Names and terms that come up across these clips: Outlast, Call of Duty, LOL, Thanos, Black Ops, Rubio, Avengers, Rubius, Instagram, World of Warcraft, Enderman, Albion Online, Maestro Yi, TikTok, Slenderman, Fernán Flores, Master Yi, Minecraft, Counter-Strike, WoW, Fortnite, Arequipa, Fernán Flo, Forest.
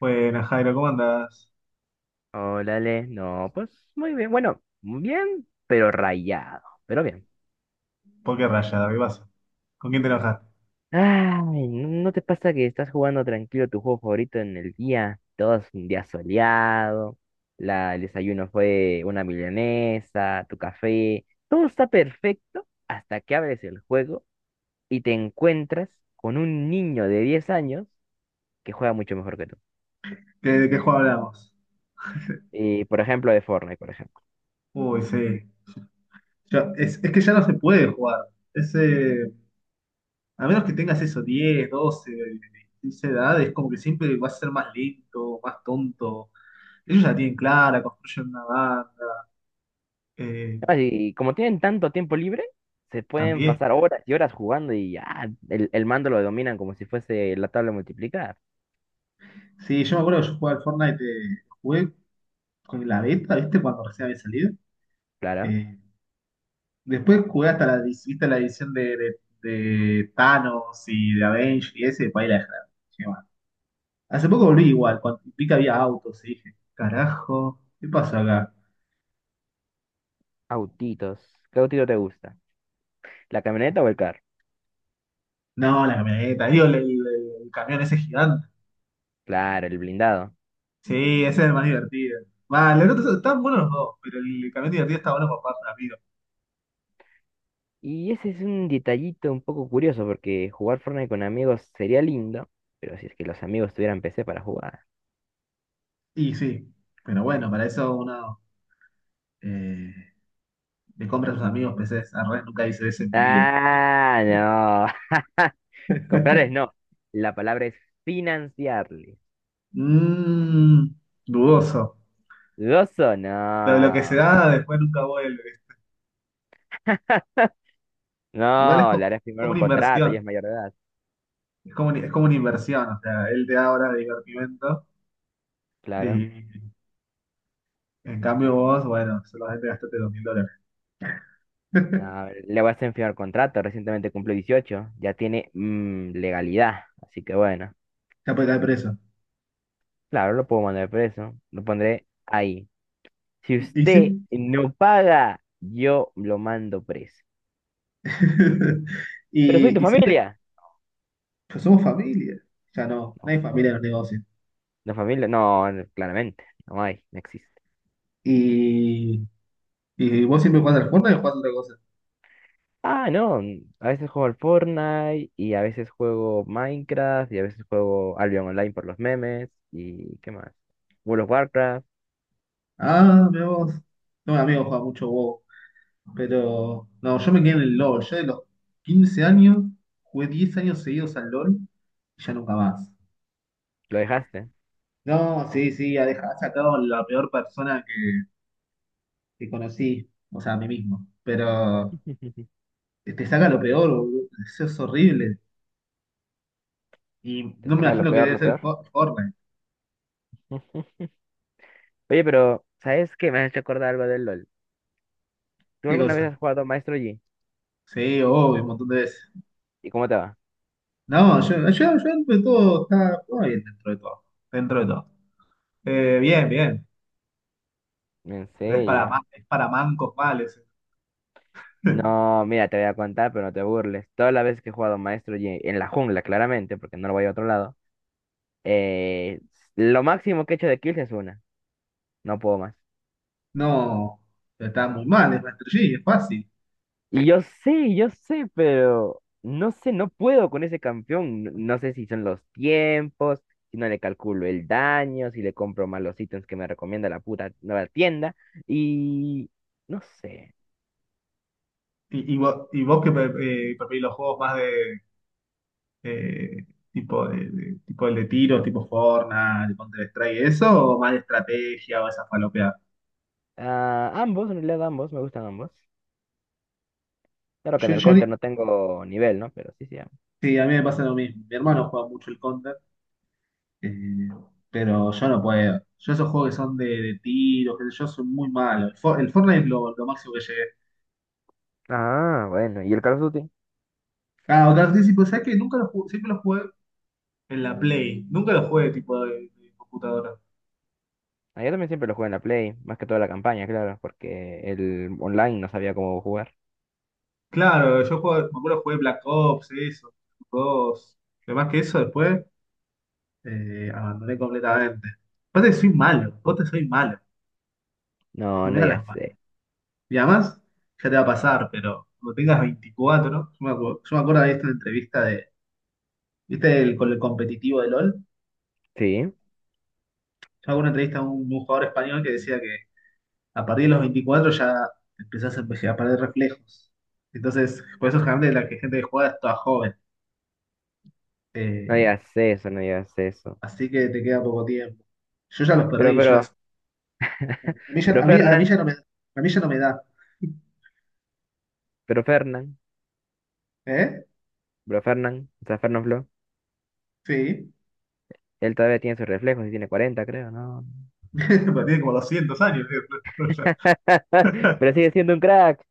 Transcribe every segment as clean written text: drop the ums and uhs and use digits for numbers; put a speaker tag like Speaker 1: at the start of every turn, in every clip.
Speaker 1: Buenas, Jairo, ¿cómo andás?
Speaker 2: Órale, no, pues muy bien. Bueno, bien, pero rayado, pero bien.
Speaker 1: ¿Por qué raya, ¿qué pasa? ¿Con quién te enojaste?
Speaker 2: Ay, ¿no te pasa que estás jugando tranquilo tu juego favorito en el día? Todo es un día soleado, el desayuno fue una milanesa, tu café, todo está perfecto hasta que abres el juego y te encuentras con un niño de 10 años que juega mucho mejor que tú.
Speaker 1: ¿Qué- ¿de qué juego hablamos?
Speaker 2: Y, por ejemplo, de Fortnite, por ejemplo.
Speaker 1: Uy, sí. Ya- es, que ya no se puede jugar. Es, a menos que tengas eso, 10 12 15 edades, es como que siempre vas a ser más lento, más tonto. Ellos ya tienen clara, construyen una banda. Eh,
Speaker 2: Ah, y como tienen tanto tiempo libre, se pueden
Speaker 1: también.
Speaker 2: pasar horas y horas jugando y ya el mando lo dominan como si fuese la tabla de multiplicar.
Speaker 1: Sí, yo me acuerdo que yo jugaba al Fortnite, jugué con la beta, ¿viste? Cuando recién había salido.
Speaker 2: Claro.
Speaker 1: Eh, Después jugué hasta viste la edición de Thanos y de Avengers y ese, para ahí la dejé, dije, "Bueno". Hace poco volví igual, cuando vi que había autos y dije, carajo, ¿qué pasó acá?
Speaker 2: Autitos. ¿Qué autito te gusta? ¿La camioneta o el carro?
Speaker 1: No, la camioneta, digo, el camión ese gigante.
Speaker 2: Claro, el blindado.
Speaker 1: Sí, ese es el más divertido. Va, los otros están buenos los dos, pero el camión divertido está bueno para un amigos.
Speaker 2: Y ese es un detallito un poco curioso porque jugar Fortnite con amigos sería lindo, pero si es que los amigos tuvieran PC para jugar.
Speaker 1: Y sí, pero bueno, para eso uno eh, le compra a sus amigos PCs. Al revés, nunca hice eso en mi vida.
Speaker 2: Ah, no. Comprarles no. La palabra es financiarles.
Speaker 1: Mmm, dudoso.
Speaker 2: Gozo, no.
Speaker 1: Lo que se da después nunca vuelve. Igual es
Speaker 2: No,
Speaker 1: como,
Speaker 2: le harás firmar
Speaker 1: como
Speaker 2: un
Speaker 1: una
Speaker 2: contrato, ya
Speaker 1: inversión.
Speaker 2: es mayor de edad.
Speaker 1: Es como, es como una inversión. O sea, él te da horas de divertimento
Speaker 2: Claro.
Speaker 1: y en cambio vos, bueno, solamente gastaste $2000.
Speaker 2: No, le vas a firmar contrato, recientemente cumplió 18, ya tiene legalidad. Así que bueno,
Speaker 1: Ya puede caer preso.
Speaker 2: claro, lo puedo mandar preso, lo pondré ahí. Si
Speaker 1: Y,
Speaker 2: usted no paga, yo lo mando preso. Pero soy tu
Speaker 1: y siempre,
Speaker 2: familia.
Speaker 1: pues somos familia. Ya no, no hay
Speaker 2: No,
Speaker 1: familia en los negocios.
Speaker 2: no familia, no, no, claramente, no hay, no existe.
Speaker 1: Y, y vos siempre jugás al Fortnite o jugás a otra cosa.
Speaker 2: Ah, no, a veces juego al Fortnite y a veces juego Minecraft y a veces juego Albion Online por los memes y ¿qué más? World of Warcraft.
Speaker 1: Ah, mira vos. No, mi amigo juega mucho WoW. Pero no, yo me quedé en el LOL. Yo de los 15 años jugué 10 años seguidos al LOL y ya nunca más.
Speaker 2: Lo dejaste.
Speaker 1: No, sí, sí, ha dejado, ha sacado la peor persona que conocí, o sea, a mí mismo. Pero te saca lo peor, boludo. Eso es horrible. Y
Speaker 2: Te
Speaker 1: no me
Speaker 2: saca lo
Speaker 1: imagino que
Speaker 2: peor,
Speaker 1: debe
Speaker 2: lo
Speaker 1: ser
Speaker 2: peor.
Speaker 1: Fortnite.
Speaker 2: Oye, pero ¿sabes qué? Me has hecho acordar algo del LOL. ¿Tú
Speaker 1: ¿Qué
Speaker 2: alguna
Speaker 1: cosa?
Speaker 2: vez has jugado Maestro Yi?
Speaker 1: Sí, obvio, un montón de veces.
Speaker 2: ¿Y cómo te va?
Speaker 1: No, yo dentro de todo, está todo bien dentro de todo. Dentro de todo. Bien, bien.
Speaker 2: ¿En
Speaker 1: Pero es para,
Speaker 2: serio?
Speaker 1: es para mancos males.
Speaker 2: No, mira, te voy a contar, pero no te burles. Todas las veces que he jugado Maestro Yi, en la jungla, claramente, porque no lo voy a otro lado, eh, lo máximo que he hecho de kills es una. No puedo más.
Speaker 1: No, pero está muy mal, es Master Yi, es fácil.
Speaker 2: Y yo sé, pero no sé, no puedo con ese campeón. No sé si son los tiempos, si no le calculo el daño, si le compro mal los ítems que me recomienda la puta nueva tienda. Y no sé.
Speaker 1: ¿Y vos que preferís los juegos más de, eh, tipo tipo el de tiro, tipo Fortnite, Counter-Strike, eso, o más de estrategia o esas falopeas?
Speaker 2: Ah, ambos, en realidad ambos, me gustan ambos. Claro que en
Speaker 1: Yo,
Speaker 2: el
Speaker 1: yo
Speaker 2: counter
Speaker 1: ni-
Speaker 2: no tengo nivel, ¿no? Pero sí, sí, ambos.
Speaker 1: sí, a mí me pasa lo mismo. Mi hermano juega mucho el Counter, eh, pero yo no puedo. Yo esos juegos que son de tiros, qué sé yo soy muy malo. El Fortnite es lo máximo que llegué.
Speaker 2: Ah, bueno. ¿Y el Call of Duty?
Speaker 1: Ah, otra vez, sí, pues, ¿sabes qué? Nunca lo jugué, siempre lo jugué en la Play. Nunca lo jugué tipo de computadora.
Speaker 2: Ah, yo también siempre lo juego en la Play, más que toda la campaña, claro, porque el online no sabía cómo jugar.
Speaker 1: Claro, me acuerdo jugué Black Ops, eso, dos. Pero más que eso, después abandoné completamente. Aparte, soy malo, vos te soy malo,
Speaker 2: No,
Speaker 1: no me
Speaker 2: no
Speaker 1: da
Speaker 2: ya
Speaker 1: las
Speaker 2: sé.
Speaker 1: manos. Y además, ya te va a pasar, pero cuando tengas 24, yo me acuerdo de esta entrevista de, ¿viste el, con el competitivo de LOL?
Speaker 2: Sí,
Speaker 1: Yo hago una entrevista a un jugador español que decía que a partir de los 24 ya empezás a, a perder reflejos. Entonces, por eso generalmente la que gente que juega es toda joven.
Speaker 2: no
Speaker 1: Eh,
Speaker 2: digas eso, no digas eso.
Speaker 1: Así que te queda poco tiempo. Yo ya los
Speaker 2: Pero,
Speaker 1: perdí,
Speaker 2: pero,
Speaker 1: a mí ya,
Speaker 2: pero
Speaker 1: a mí ya
Speaker 2: Fernán,
Speaker 1: no me, a mí ya no me da.
Speaker 2: pero Fernán,
Speaker 1: ¿Eh?
Speaker 2: pero Fernán, o sea, Fernán Flo,
Speaker 1: Sí.
Speaker 2: él todavía tiene sus reflejos y tiene 40, creo, ¿no?
Speaker 1: Pero tiene como 200 años, tío. No, no, ya.
Speaker 2: Pero sigue siendo un crack.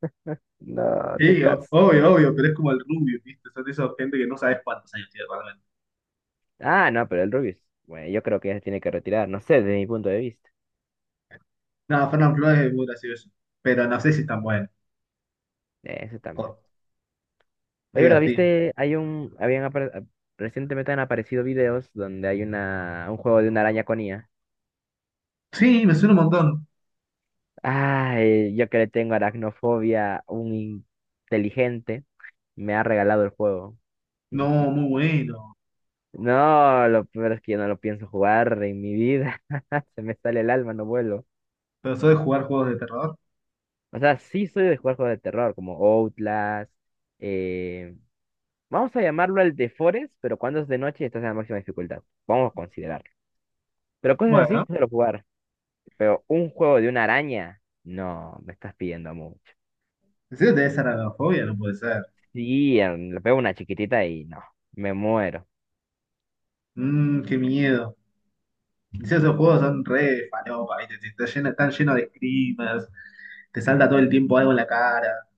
Speaker 2: No, se
Speaker 1: Sí,
Speaker 2: cansó.
Speaker 1: obvio, obvio, pero es como el Rubio, ¿viste? Son de esas gente que no sabes cuántos años tiene realmente.
Speaker 2: Ah, no, pero el Rubius, bueno, yo creo que ya se tiene que retirar, no sé, desde mi punto de vista.
Speaker 1: No, Fernán Flores es muy gracioso, pero no sé si es tan bueno.
Speaker 2: Eso también.
Speaker 1: O-
Speaker 2: Oye, ¿verdad?
Speaker 1: divertido.
Speaker 2: ¿Viste? Hay un, habían, apare- a- Recientemente han aparecido videos donde hay un juego de una araña con IA.
Speaker 1: Sí, me suena un montón.
Speaker 2: Ay, yo que le tengo aracnofobia, un inteligente me ha regalado el juego.
Speaker 1: No, muy bueno.
Speaker 2: No, lo peor es que yo no lo pienso jugar en mi vida. Se me sale el alma, no vuelo.
Speaker 1: Pero soy de jugar juegos de terror.
Speaker 2: O sea, sí soy de jugar juegos de terror, como Outlast. eh, vamos a llamarlo el de Forest, pero cuando es de noche y estás en la máxima dificultad. Vamos a considerarlo. Pero cosas así,
Speaker 1: Bueno,
Speaker 2: suelo jugar. Pero un juego de una araña, no, me estás pidiendo mucho.
Speaker 1: ¿en serio te da esa aracnofobia? No puede ser.
Speaker 2: Sí, le pego una chiquitita y no, me muero.
Speaker 1: Mmm, qué miedo. Sí, esos juegos son re falopa, ¿viste? Están llenos de screamers, te salta todo el tiempo algo en la cara.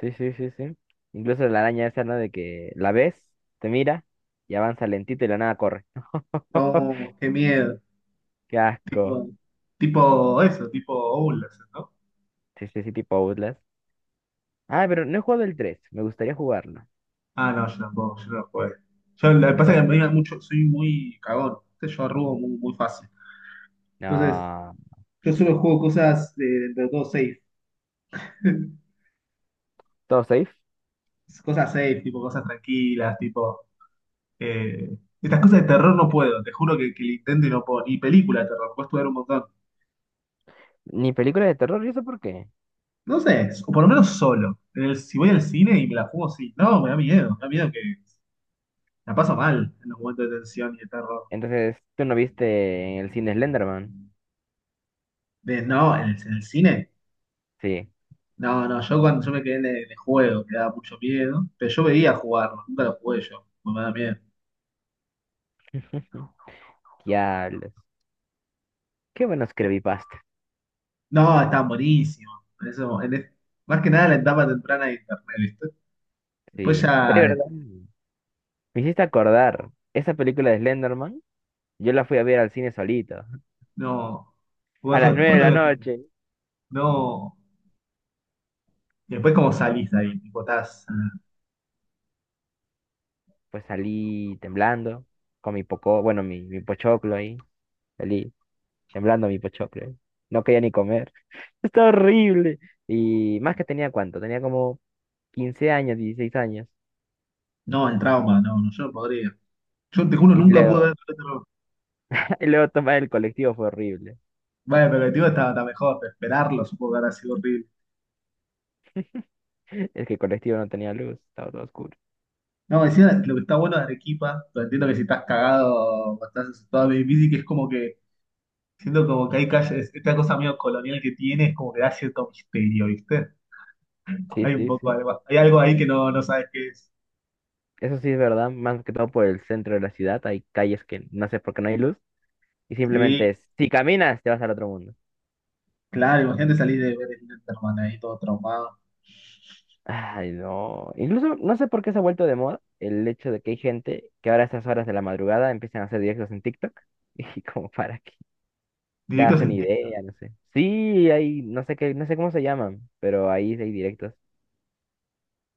Speaker 2: Sí, sí, sí, sí. Incluso la araña esa, ¿no? De que la ves, te mira y avanza lentito y la nada corre.
Speaker 1: No, qué miedo.
Speaker 2: Qué asco.
Speaker 1: Tipo, tipo eso, tipo Outlast, ¿no?
Speaker 2: Sí, sí, sí, tipo Outlast. Ah, pero no he jugado el tres. Me gustaría jugarlo.
Speaker 1: Ah, no, yo tampoco, yo no lo jugué. Yo, lo que pasa es que
Speaker 2: Ojo.
Speaker 1: me da mucho, soy muy cagón, ¿viste? Yo arrugo muy, muy fácil. Entonces,
Speaker 2: No.
Speaker 1: yo solo juego cosas dentro de todo safe.
Speaker 2: Todo safe.
Speaker 1: Cosas safe, tipo cosas tranquilas, tipo... eh, estas cosas de terror no puedo, te juro que lo intento y no puedo. Ni película de terror, puedes ver un montón.
Speaker 2: Ni película de terror, ¿y eso por qué?
Speaker 1: No sé, o por lo menos solo. Si voy al cine y me la juego, sí. No, me da miedo que la paso mal en los momentos de tensión y de terror.
Speaker 2: Entonces, ¿tú no viste en el cine Slenderman?
Speaker 1: De, no, en el cine.
Speaker 2: Sí.
Speaker 1: No, no, yo cuando yo me quedé en el juego, que daba mucho miedo, pero yo veía jugarlo, nunca lo jugué yo, porque me da miedo.
Speaker 2: Diablos. Qué buenos creepypastas.
Speaker 1: No, están buenísimos. En eso- en es- más que nada la etapa temprana de internet, ¿viste? Después
Speaker 2: Sí. Oye,
Speaker 1: ya,
Speaker 2: ¿verdad? Me hiciste acordar. Esa película de Slenderman, yo la fui a ver al cine solito.
Speaker 1: no.
Speaker 2: A las 9 de
Speaker 1: ¿Cuándo?
Speaker 2: la noche.
Speaker 1: No. Y después cómo
Speaker 2: Bueno,
Speaker 1: salís de ahí, tipo, estás.
Speaker 2: pues salí temblando. Con mi poco, bueno, mi pochoclo ahí. Salí, temblando mi pochoclo. ¿Eh? No quería ni comer. Está horrible. Y más que tenía cuánto, tenía como 15 años, 16 años.
Speaker 1: No, el trauma, no, no, yo no podría. Yo te juro,
Speaker 2: Y
Speaker 1: nunca pude
Speaker 2: luego,
Speaker 1: ver el otro.
Speaker 2: y luego tomar el colectivo fue horrible.
Speaker 1: Bueno, pero el tío está, está mejor, pero esperarlo supongo que habrá sido horrible.
Speaker 2: Es que el colectivo no tenía luz, estaba todo oscuro.
Speaker 1: No, encima lo que está bueno de Arequipa, lo entiendo que si estás cagado o estás asustado es difícil, que es como que, siento como que hay calles, esta cosa medio colonial que tiene es como que da cierto misterio, ¿viste?
Speaker 2: Sí,
Speaker 1: Hay un
Speaker 2: sí,
Speaker 1: poco
Speaker 2: sí.
Speaker 1: algo, hay algo ahí que no, no sabes qué es.
Speaker 2: Eso sí es verdad, más que todo por el centro de la ciudad. Hay calles que no sé por qué no hay luz. Y
Speaker 1: Sí,
Speaker 2: simplemente, es, si caminas, te vas al otro mundo.
Speaker 1: claro, imagínate salir de ver el Enderman ahí todo traumado.
Speaker 2: Ay, no. Incluso no sé por qué se ha vuelto de moda el hecho de que hay gente que ahora a estas horas de la madrugada empiezan a hacer directos en TikTok. Y como, ¿para qué? Te
Speaker 1: Directo
Speaker 2: hacen
Speaker 1: sentido.
Speaker 2: idea, no sé. Sí, hay, no sé qué, no sé cómo se llaman, pero ahí hay directos.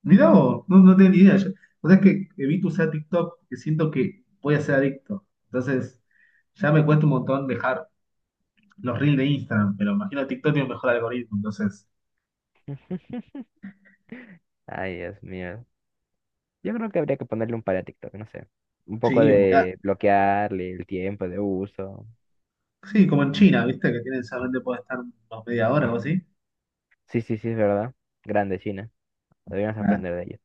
Speaker 1: Mirá vos, no, no tenía ni idea. Yo, o sea sabés que evito usar TikTok, que siento que voy a ser adicto. Entonces, ya me cuesta un montón dejar los reels de Instagram, pero imagino TikTok tiene un mejor algoritmo. Entonces,
Speaker 2: Ay, Dios mío. Yo creo que habría que ponerle un par a TikTok, no sé. Un poco
Speaker 1: sí, olvidate.
Speaker 2: de bloquearle el tiempo de uso.
Speaker 1: Sí, como en China, ¿viste? Que tienen solamente puede estar unos 1/2 hora o así.
Speaker 2: Sí, sí, sí, es verdad. Grande China. Deberíamos
Speaker 1: Nah,
Speaker 2: aprender de ellos.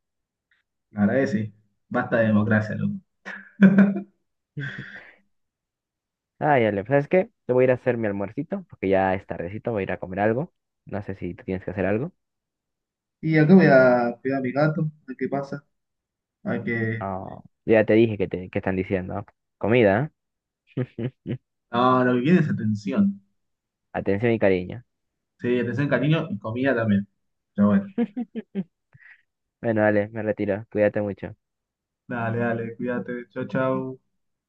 Speaker 1: la verdad que sí. Basta de democracia, loco.
Speaker 2: Ay, Ale, ¿sabes qué? Te voy a ir a hacer mi almuercito, porque ya es tardecito, voy a ir a comer algo. No sé si tú tienes que hacer algo.
Speaker 1: Y acá voy a cuidar a mi gato, a ver qué pasa. A ver qué.
Speaker 2: Oh, ya te dije que están diciendo. Comida, ¿eh?
Speaker 1: No, lo que quiere es atención.
Speaker 2: Atención y cariño.
Speaker 1: Sí, atención, cariño y comida también. Pero bueno.
Speaker 2: Bueno, dale, me retiro. Cuídate mucho.
Speaker 1: Dale, dale, cuídate. Chau, chau.